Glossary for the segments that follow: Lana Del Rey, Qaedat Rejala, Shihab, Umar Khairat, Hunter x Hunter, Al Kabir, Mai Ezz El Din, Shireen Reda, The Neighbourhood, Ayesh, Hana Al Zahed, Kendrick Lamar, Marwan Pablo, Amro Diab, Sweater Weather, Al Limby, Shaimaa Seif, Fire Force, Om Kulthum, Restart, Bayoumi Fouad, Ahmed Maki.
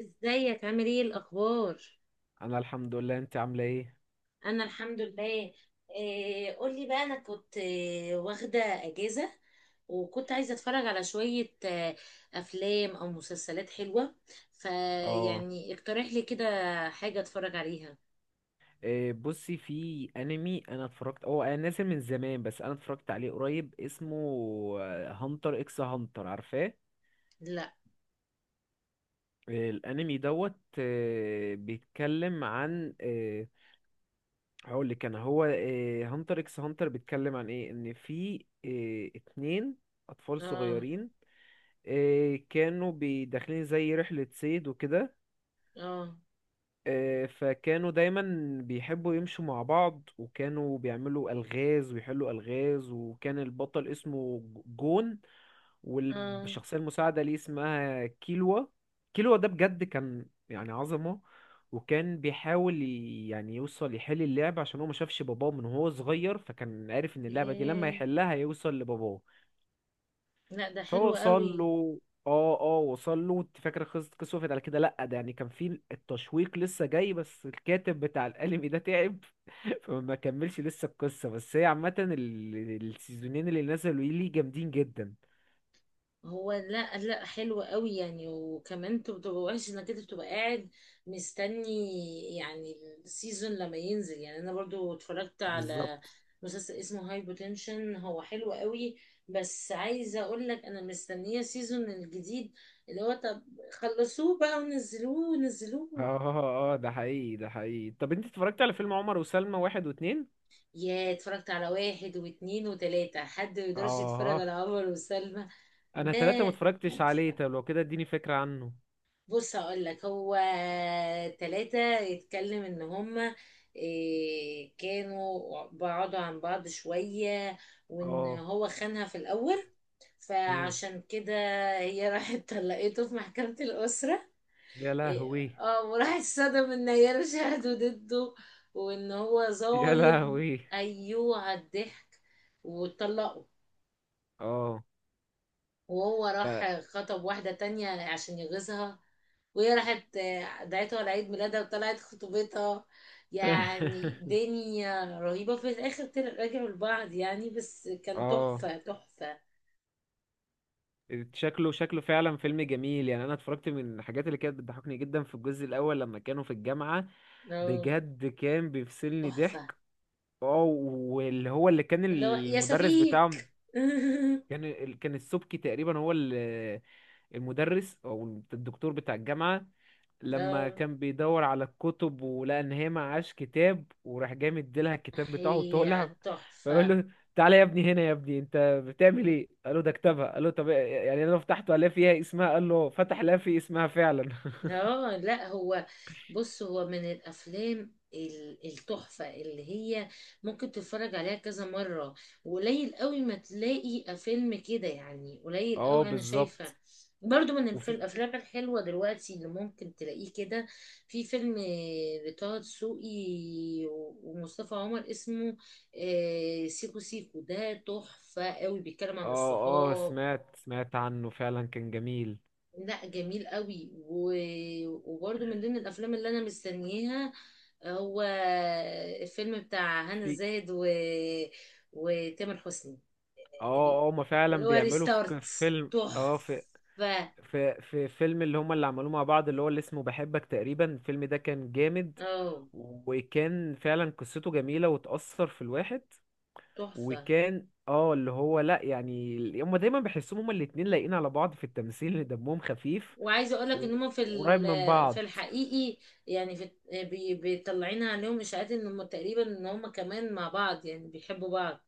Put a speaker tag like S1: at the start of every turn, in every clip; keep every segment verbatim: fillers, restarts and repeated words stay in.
S1: ازيك عامل ايه الاخبار؟
S2: انا الحمد لله، انت عامله ايه؟
S1: انا الحمد لله. إيه، قولي بقى. انا كنت آه، واخده اجازه. وكنت عايزه اتفرج على شويه آه، افلام او مسلسلات حلوه.
S2: اه.
S1: فيعني اقترح لي كده حاجه اتفرج عليها.
S2: إيه، بصي، في انمي انا اتفرجت، هو انا نازل من زمان بس انا اتفرجت عليه قريب، اسمه هانتر اكس هانتر، عارفاه؟
S1: لا.
S2: إيه، الانمي دوت. إيه، بيتكلم عن آه، هقول لك انا، هو هانتر اكس هانتر بيتكلم عن ايه؟ ان في إيه، اتنين اطفال
S1: اه،
S2: صغيرين. إيه، كانوا بي- داخلين زي رحلة صيد وكده.
S1: اه،
S2: آه، فكانوا دايما بيحبوا يمشوا مع بعض، وكانوا بيعملوا ألغاز ويحلوا ألغاز، وكان البطل اسمه جون،
S1: اه.
S2: والشخصية المساعدة ليه اسمها كيلوا. كيلوا ده بجد كان يعني عظمة، وكان بيحاول ي- يعني يوصل يحل اللعبة، عشان هو ما شافش باباه من هو صغير، فكان عارف ان اللعبة دي لما
S1: ياه.
S2: يحلها يوصل لباباه.
S1: لا، ده
S2: فهو
S1: حلو
S2: وصل
S1: قوي.
S2: له. اه، اه وصل له. انت فاكر قصه قصه وقفت على كده؟ لا ده يعني كان في التشويق لسه جاي، بس الكاتب بتاع الانمي ده تعب فما كملش لسه القصه. بس هي عامه ال- السيزونين اللي نزلوا ليه جامدين جدا.
S1: هو، لا لا، حلو قوي يعني. وكمان انت بتبقى وحش انك انت بتبقى قاعد مستني يعني. السيزون لما ينزل، يعني انا برضو اتفرجت على
S2: بالظبط.
S1: مسلسل اسمه هاي بوتنشن. هو حلو قوي، بس عايزه اقول لك انا مستنيه السيزون الجديد اللي هو، طب خلصوه بقى ونزلوه
S2: اه
S1: ونزلوه.
S2: اه آه، ده حقيقي، ده حقيقي. طب انت اتفرجت على فيلم عمر وسلمى واحد واتنين؟
S1: يا، اتفرجت على واحد واتنين وتلاته. حد ما يقدرش يتفرج
S2: اه،
S1: على عمر وسلمى،
S2: انا
S1: ده
S2: تلاتة ما اتفرجتش عليه،
S1: تحفة.
S2: طب لو كده اديني فكرة عنه.
S1: بص هقول لك، هو تلاتة يتكلم ان هما إيه، كانوا بعدوا عن بعض شوية، وان
S2: اه.
S1: هو خانها في الاول.
S2: مم.
S1: فعشان كده هي راحت طلقته في محكمة الاسرة.
S2: يا
S1: إيه،
S2: لهوي.
S1: اه، وراح اتصدم ان هي شهدوا ضده وان هو
S2: يا
S1: ظالم.
S2: لهوي.
S1: ايوه، على الضحك. واتطلقوا.
S2: اه.
S1: وهو
S2: ف
S1: راح خطب واحدة تانية عشان يغيظها. وهي راحت آه، دعيته على عيد ميلادها وطلعت خطوبتها. يعني دنيا رهيبة. في الآخر طلع- رجعوا لبعض يعني، بس كان
S2: اه.
S1: تحفة تحفة.
S2: شكله شكله فعلا فيلم جميل. يعني انا اتفرجت، من الحاجات اللي كانت بتضحكني جدا في الجزء الاول لما كانوا في الجامعة،
S1: اه.
S2: بجد كان بيفصلني
S1: تحفة.
S2: ضحك. اه. واللي هو اللي كان
S1: اللي هو يا
S2: المدرس
S1: شفيق.
S2: بتاعهم، كان كان السبكي تقريبا هو اللي المدرس او الدكتور بتاع الجامعه. لما
S1: اه.
S2: كان بيدور على الكتب ولقى ان هي معهاش كتاب، وراح جاي مديلها الكتاب بتاعه
S1: هي
S2: وطالع فيقول
S1: تحفة.
S2: له تعالى يا ابني هنا، يا ابني انت بتعمل ايه؟ قال له ده كتابها. قال له طب يعني انا لو فتحته الاقي فيها اسمها، قال له فتح، لا، في اسمها فعلا.
S1: اه، لا، هو بص، هو من الافلام ال- التحفه اللي هي ممكن تتفرج عليها كذا مره. وقليل قوي ما تلاقي فيلم كده يعني، قليل
S2: اه
S1: قوي انا
S2: بالظبط.
S1: شايفه. برضو من الف-
S2: وفي
S1: الافلام الحلوه دلوقتي اللي ممكن تلاقيه كده، في فيلم لطه دسوقي و- ومصطفى عمر، اسمه آه، سيكو سيكو. ده تحفه قوي، بيتكلم عن
S2: اه اه
S1: الصحاب.
S2: سمعت سمعت عنه فعلا، كان جميل.
S1: لا جميل قوي. و... وبرده من ضمن الافلام اللي انا مستنياها هو الفيلم بتاع هنا
S2: في
S1: الزاهد و... وتامر حسني،
S2: اه اه ما فعلا
S1: اللي هو
S2: بيعملوا في ك-
S1: ريستارت.
S2: فيلم، اه، في
S1: تحفة.
S2: في في فيلم اللي هما اللي عملوه مع بعض، اللي هو اللي اسمه بحبك تقريبا، الفيلم ده كان جامد.
S1: اه،
S2: وكان فعلا قصته جميلة وتأثر في الواحد.
S1: تحفة.
S2: وكان اه اللي هو لا يعني، هما دايما بحسهم هما الاتنين لايقين على بعض في التمثيل، دمهم خفيف.
S1: وعايزة اقولك
S2: و-
S1: ان هم في
S2: وقريب من
S1: ال- في
S2: بعض.
S1: الحقيقي، يعني في بي- بيطلعين عليهم اشاعات ان هم تقريبا ان هم كمان مع بعض، يعني بيحبوا بعض.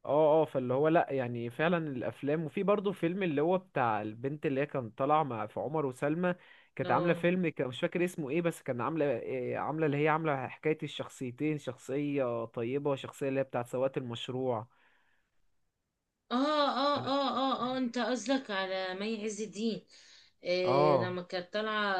S2: اه اه فاللي هو لا يعني فعلا الافلام. وفي برضه فيلم اللي هو بتاع البنت اللي هي كان طالعه مع في عمر وسلمى، كانت عامله
S1: اه،
S2: فيلم كان مش فاكر اسمه ايه، بس كان عامله إيه عامله اللي هي عامله حكايه الشخصيتين، شخصيه طيبه وشخصيه اللي هي بتاعت سواقه المشروع.
S1: اه، اه،
S2: انا.
S1: اه، اه، اه. انت قصدك على مي عز الدين؟ إيه،
S2: اه
S1: لما كانت طالعة،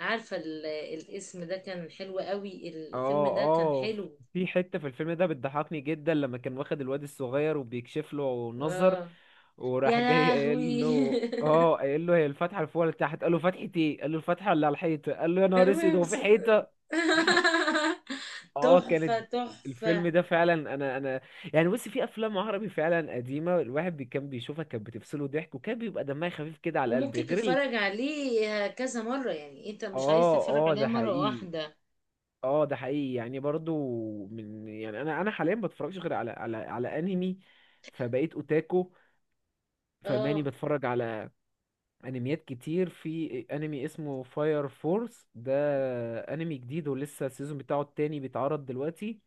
S1: عارفة ال- الاسم ده كان حلو قوي. الفيلم
S2: اه
S1: ده كان
S2: اه
S1: حلو.
S2: في حته في الفيلم ده بتضحكني جدا لما كان واخد الواد الصغير وبيكشف له نظر،
S1: اه. يا
S2: وراح جاي قايل
S1: لهوي.
S2: له اه قايل له هي الفتحه اللي فوق ولا تحت؟ قال له فتحه ايه؟ قال له الفتحه اللي على الحيطه. قال له يا نهار اسود،
S1: المهم
S2: هو في
S1: س-
S2: حيطه؟ اه
S1: تحفة
S2: كانت. الفيلم
S1: تحفة.
S2: ده فعلا، انا انا يعني بص، في افلام عربي فعلا قديمه الواحد بي- كان بيشوفها، كانت بتفصله ضحك وكان بيبقى دمها خفيف كده على القلب
S1: وممكن
S2: غير ال...
S1: تتفرج عليه كذا مرة، يعني انت مش عايز
S2: اه.
S1: تتفرج
S2: اه
S1: عليه
S2: ده
S1: مرة
S2: حقيقي،
S1: واحدة.
S2: اه ده حقيقي. يعني برضو من يعني انا انا حاليا بتفرجش غير على على على انمي، فبقيت اوتاكو، فماني
S1: اه،
S2: بتفرج على انميات كتير. في انمي اسمه فاير فورس، ده انمي جديد ولسه السيزون بتاعه التاني بيتعرض دلوقتي.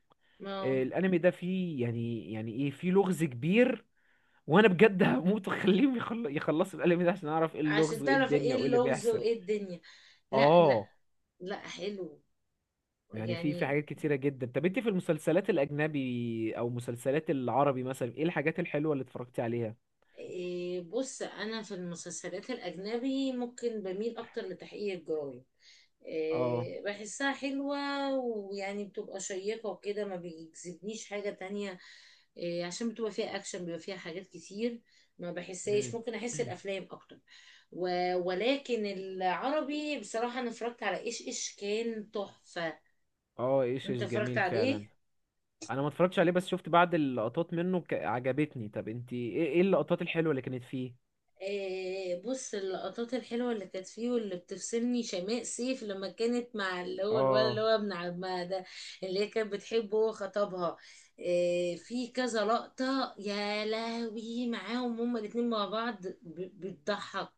S2: آه،
S1: ما
S2: الانمي ده فيه يعني يعني ايه، فيه لغز كبير، وانا بجد هموت واخليهم يخل- يخلصوا الانمي ده عشان اعرف ايه اللغز
S1: عشان
S2: وايه
S1: تعرف ايه
S2: الدنيا وايه اللي
S1: اللغز
S2: بيحصل.
S1: وايه الدنيا. لا لا.
S2: اه
S1: لا، حلو
S2: يعني في في
S1: يعني.
S2: حاجات كتيرة جدا. طب انت في المسلسلات الاجنبي او مسلسلات العربي مثلا، ايه الحاجات الحلوة اللي اتفرجتي عليها؟
S1: إيه، بص، انا في المسلسلات الاجنبي ممكن بميل اكتر لتحقيق الجرايم.
S2: اه.
S1: إيه، بحسها حلوة، ويعني بتبقى شيقة وكده، ما بيجذبنيش حاجة تانية. إيه، عشان بتبقى فيها اكشن، بيبقى فيها حاجات كتير. ما بحسهاش،
S2: مم.
S1: ممكن احس الافلام اكتر. و- ولكن العربي بصراحة، انا اتفرجت على ايش ايش، كان تحفة.
S2: اه ايش
S1: انت
S2: ايش
S1: اتفرجت
S2: جميل فعلا.
S1: عليه؟
S2: انا ما اتفرجتش عليه بس شفت بعض اللقطات منه ك... عجبتني. طب انت ايه ايه اللقطات الحلوة اللي كانت فيه؟
S1: آه، بص، اللقطات الحلوة اللي كانت فيه واللي بتفصلني شماء سيف لما كانت مع اللي هو الولد اللي
S2: اه
S1: هو ابن عمها ده، اللي هي كانت بتحبه هو خطبها. آه، في كذا لقطة يا لهوي معاهم هما الاتنين مع بعض ب- بتضحك،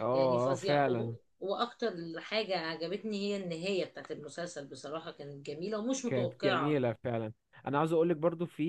S2: اه
S1: يعني
S2: اه
S1: فظيع. وهو-
S2: فعلا
S1: واكتر حاجة عجبتني هي النهاية بتاعت المسلسل، بصراحة كانت جميلة ومش
S2: كانت
S1: متوقعة.
S2: جميلة فعلا. انا عاوز اقولك، برضو في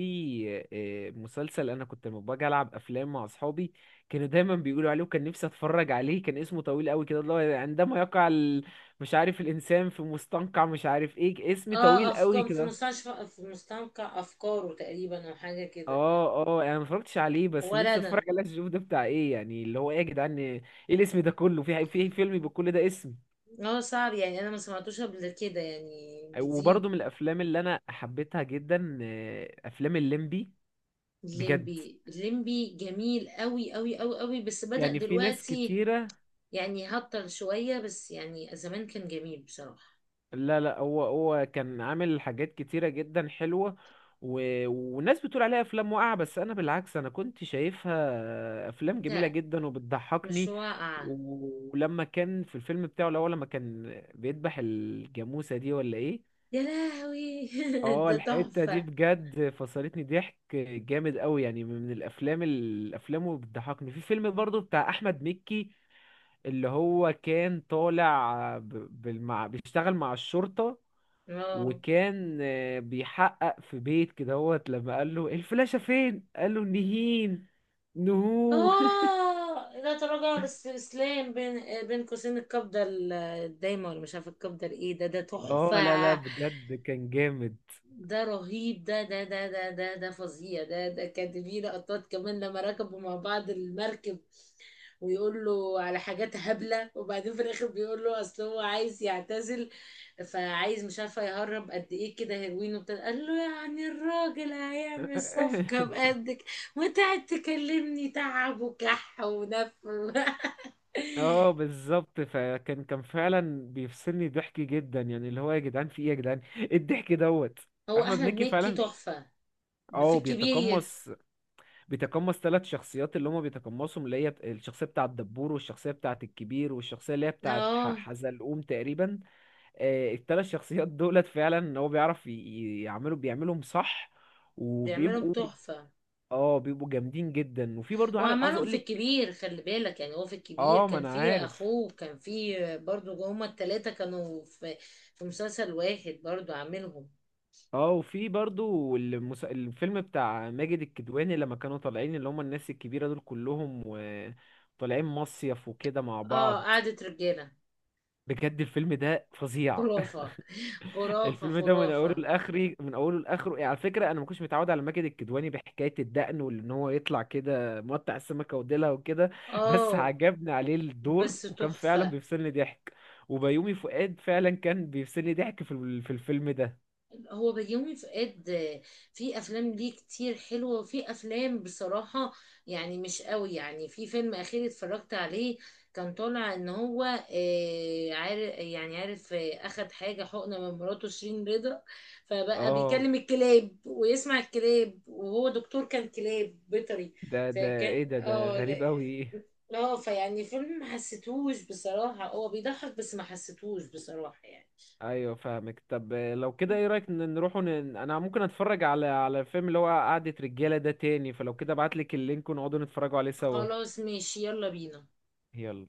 S2: آه، مسلسل انا كنت لما باجي العب افلام مع اصحابي كانوا دايما بيقولوا عليه، وكان نفسي اتفرج عليه، كان اسمه طويل قوي كده، اللي هو عندما يقع ال... مش عارف الانسان في مستنقع مش عارف ايه، اسم
S1: اه،
S2: طويل قوي
S1: افكار في
S2: كده.
S1: مستشفى، في مستنقع افكاره تقريبا، او حاجة كده.
S2: اه اه انا ما اتفرجتش عليه بس
S1: ولا
S2: نفسي اتفرج
S1: انا.
S2: عليه عشان اشوف ده بتاع ايه يعني، اللي هو ايه يا جدعان ايه الاسم ده كله، في في فيلم بكل ده اسم.
S1: اه، صعب يعني. انا ما سمعتوش قبل كده، يعني جديد.
S2: وبرضه من الافلام اللي انا حبيتها جدا آه، افلام الليمبي، بجد.
S1: الليمبي، الليمبي جميل قوي قوي قوي قوي، بس بدأ
S2: يعني في ناس
S1: دلوقتي
S2: كتيرة.
S1: يعني هطل شوية، بس يعني زمان كان جميل بصراحة.
S2: لا لا، هو هو كان عامل حاجات كتيرة جدا حلوة. و... والناس بتقول عليها أفلام واقعة، بس أنا بالعكس أنا كنت شايفها أفلام جميلة
S1: ده
S2: جدا
S1: مش
S2: وبتضحكني.
S1: واقع.
S2: ولما كان في الفيلم بتاعه الأول لما كان بيذبح الجاموسة دي ولا إيه؟
S1: يا لهوي.
S2: اه
S1: ده
S2: الحتة دي
S1: تحفة.
S2: بجد فصلتني ضحك جامد قوي. يعني من الأفلام، الأفلام اللي بتضحكني، في فيلم برضو بتاع أحمد مكي، اللي هو كان طالع ب... بالمع... بيشتغل مع الشرطة،
S1: اه،
S2: وكان آه، بيحقق في بيت كده هوت، لما قال له الفلاشة فين؟ قال له نهين، نهو.
S1: اه. لا تراجع ولا استسلام، بين بين قوسين القبضة ال- الدايمة، ولا مش عارفة القبضة الايه. ده ده تحفة.
S2: اه لا لا بجد كان جامد.
S1: ده رهيب. ده ده ده ده ده ده فظيع. ده ده كانت في لقطات كمان لما ركبوا مع بعض المركب، ويقول له على حاجات هبلة، وبعدين في الآخر بيقول له أصل هو عايز يعتزل، فعايز مش عارفة يهرب قد إيه كده هيروين وبتاع. قال له يعني الراجل هيعمل صفقة بقدك، وتقعد تكلمني تعب وكح ونف.
S2: اه بالظبط. فكان كان فعلا بيفصلني ضحك جدا. يعني اللي هو يا جدعان في ايه يا جدعان ايه الضحك دوت.
S1: هو
S2: احمد
S1: أحمد
S2: مكي
S1: مكي
S2: فعلا.
S1: تحفة في
S2: اه
S1: الكبير.
S2: بيتقمص. بيتقمص ثلاث شخصيات، اللي هما بيتقمصهم اللي هي الشخصيه بتاعه الدبور، والشخصيه بتاعه الكبير، والشخصيه اللي هي بتاعه ح-
S1: اه،
S2: حزلقوم تقريبا. آه، الثلاث شخصيات دولت فعلا هو بيعرف ي- ي- يعملوا بيعملهم صح،
S1: بيعملهم
S2: وبيبقوا.
S1: تحفة.
S2: اه بيبقوا جامدين جدا. وفي برضو، عارف عاوز
S1: وعملهم
S2: اقول
S1: في
S2: لك.
S1: الكبير، خلي بالك يعني. هو في الكبير
S2: اه ما
S1: كان
S2: انا
S1: في
S2: عارف.
S1: اخوه، وكان في برضو هما التلاتة كانوا في في مسلسل واحد برضو عاملهم.
S2: اه وفي برضو المس... الفيلم بتاع ماجد الكدواني، لما كانوا طالعين اللي هم الناس الكبيرة دول كلهم وطالعين مصيف وكده مع
S1: اه،
S2: بعض،
S1: قعدة رجالة،
S2: بجد الفيلم ده فظيع.
S1: خرافة خرافة
S2: الفيلم ده من اوله
S1: خرافة.
S2: لاخره، من اوله لاخره. يعني على فكره انا ما كنتش متعود على ماجد الكدواني بحكايه الدقن وان هو يطلع كده مقطع السمكه وديلها وكده، بس
S1: اه
S2: عجبني عليه الدور،
S1: بس
S2: وكان فعلا
S1: تحفة.
S2: بيفصلني ضحك. وبيومي فؤاد فعلا كان بيفصلني ضحك في ال- في الفيلم ده.
S1: هو بيومي فؤاد. آه، في افلام ليه كتير حلوه، وفي افلام بصراحه يعني مش قوي يعني. في فيلم اخير اتفرجت عليه كان طالع ان هو آه، عارف يعني عارف آه، اخد حاجه حقنه من مراته شيرين رضا. فبقى
S2: اه
S1: بيكلم الكلاب ويسمع الكلاب، وهو دكتور كان كلاب بيطري.
S2: ده ده
S1: فكان،
S2: ايه، ده ده
S1: اه،
S2: غريب قوي.
S1: اه، فيعني فيلم ما حسيتهوش بصراحه. هو بيضحك بس ما حسيتهوش بصراحه يعني.
S2: ايوه فاهمك. طب لو كده ايه رايك ن- نروحوا ن... انا ممكن اتفرج على على الفيلم اللي هو قعدة رجاله ده تاني، فلو كده ابعت لك اللينك ونقعدوا نتفرجوا عليه سوا.
S1: خلاص ماشي، يلا بينا.
S2: يلا.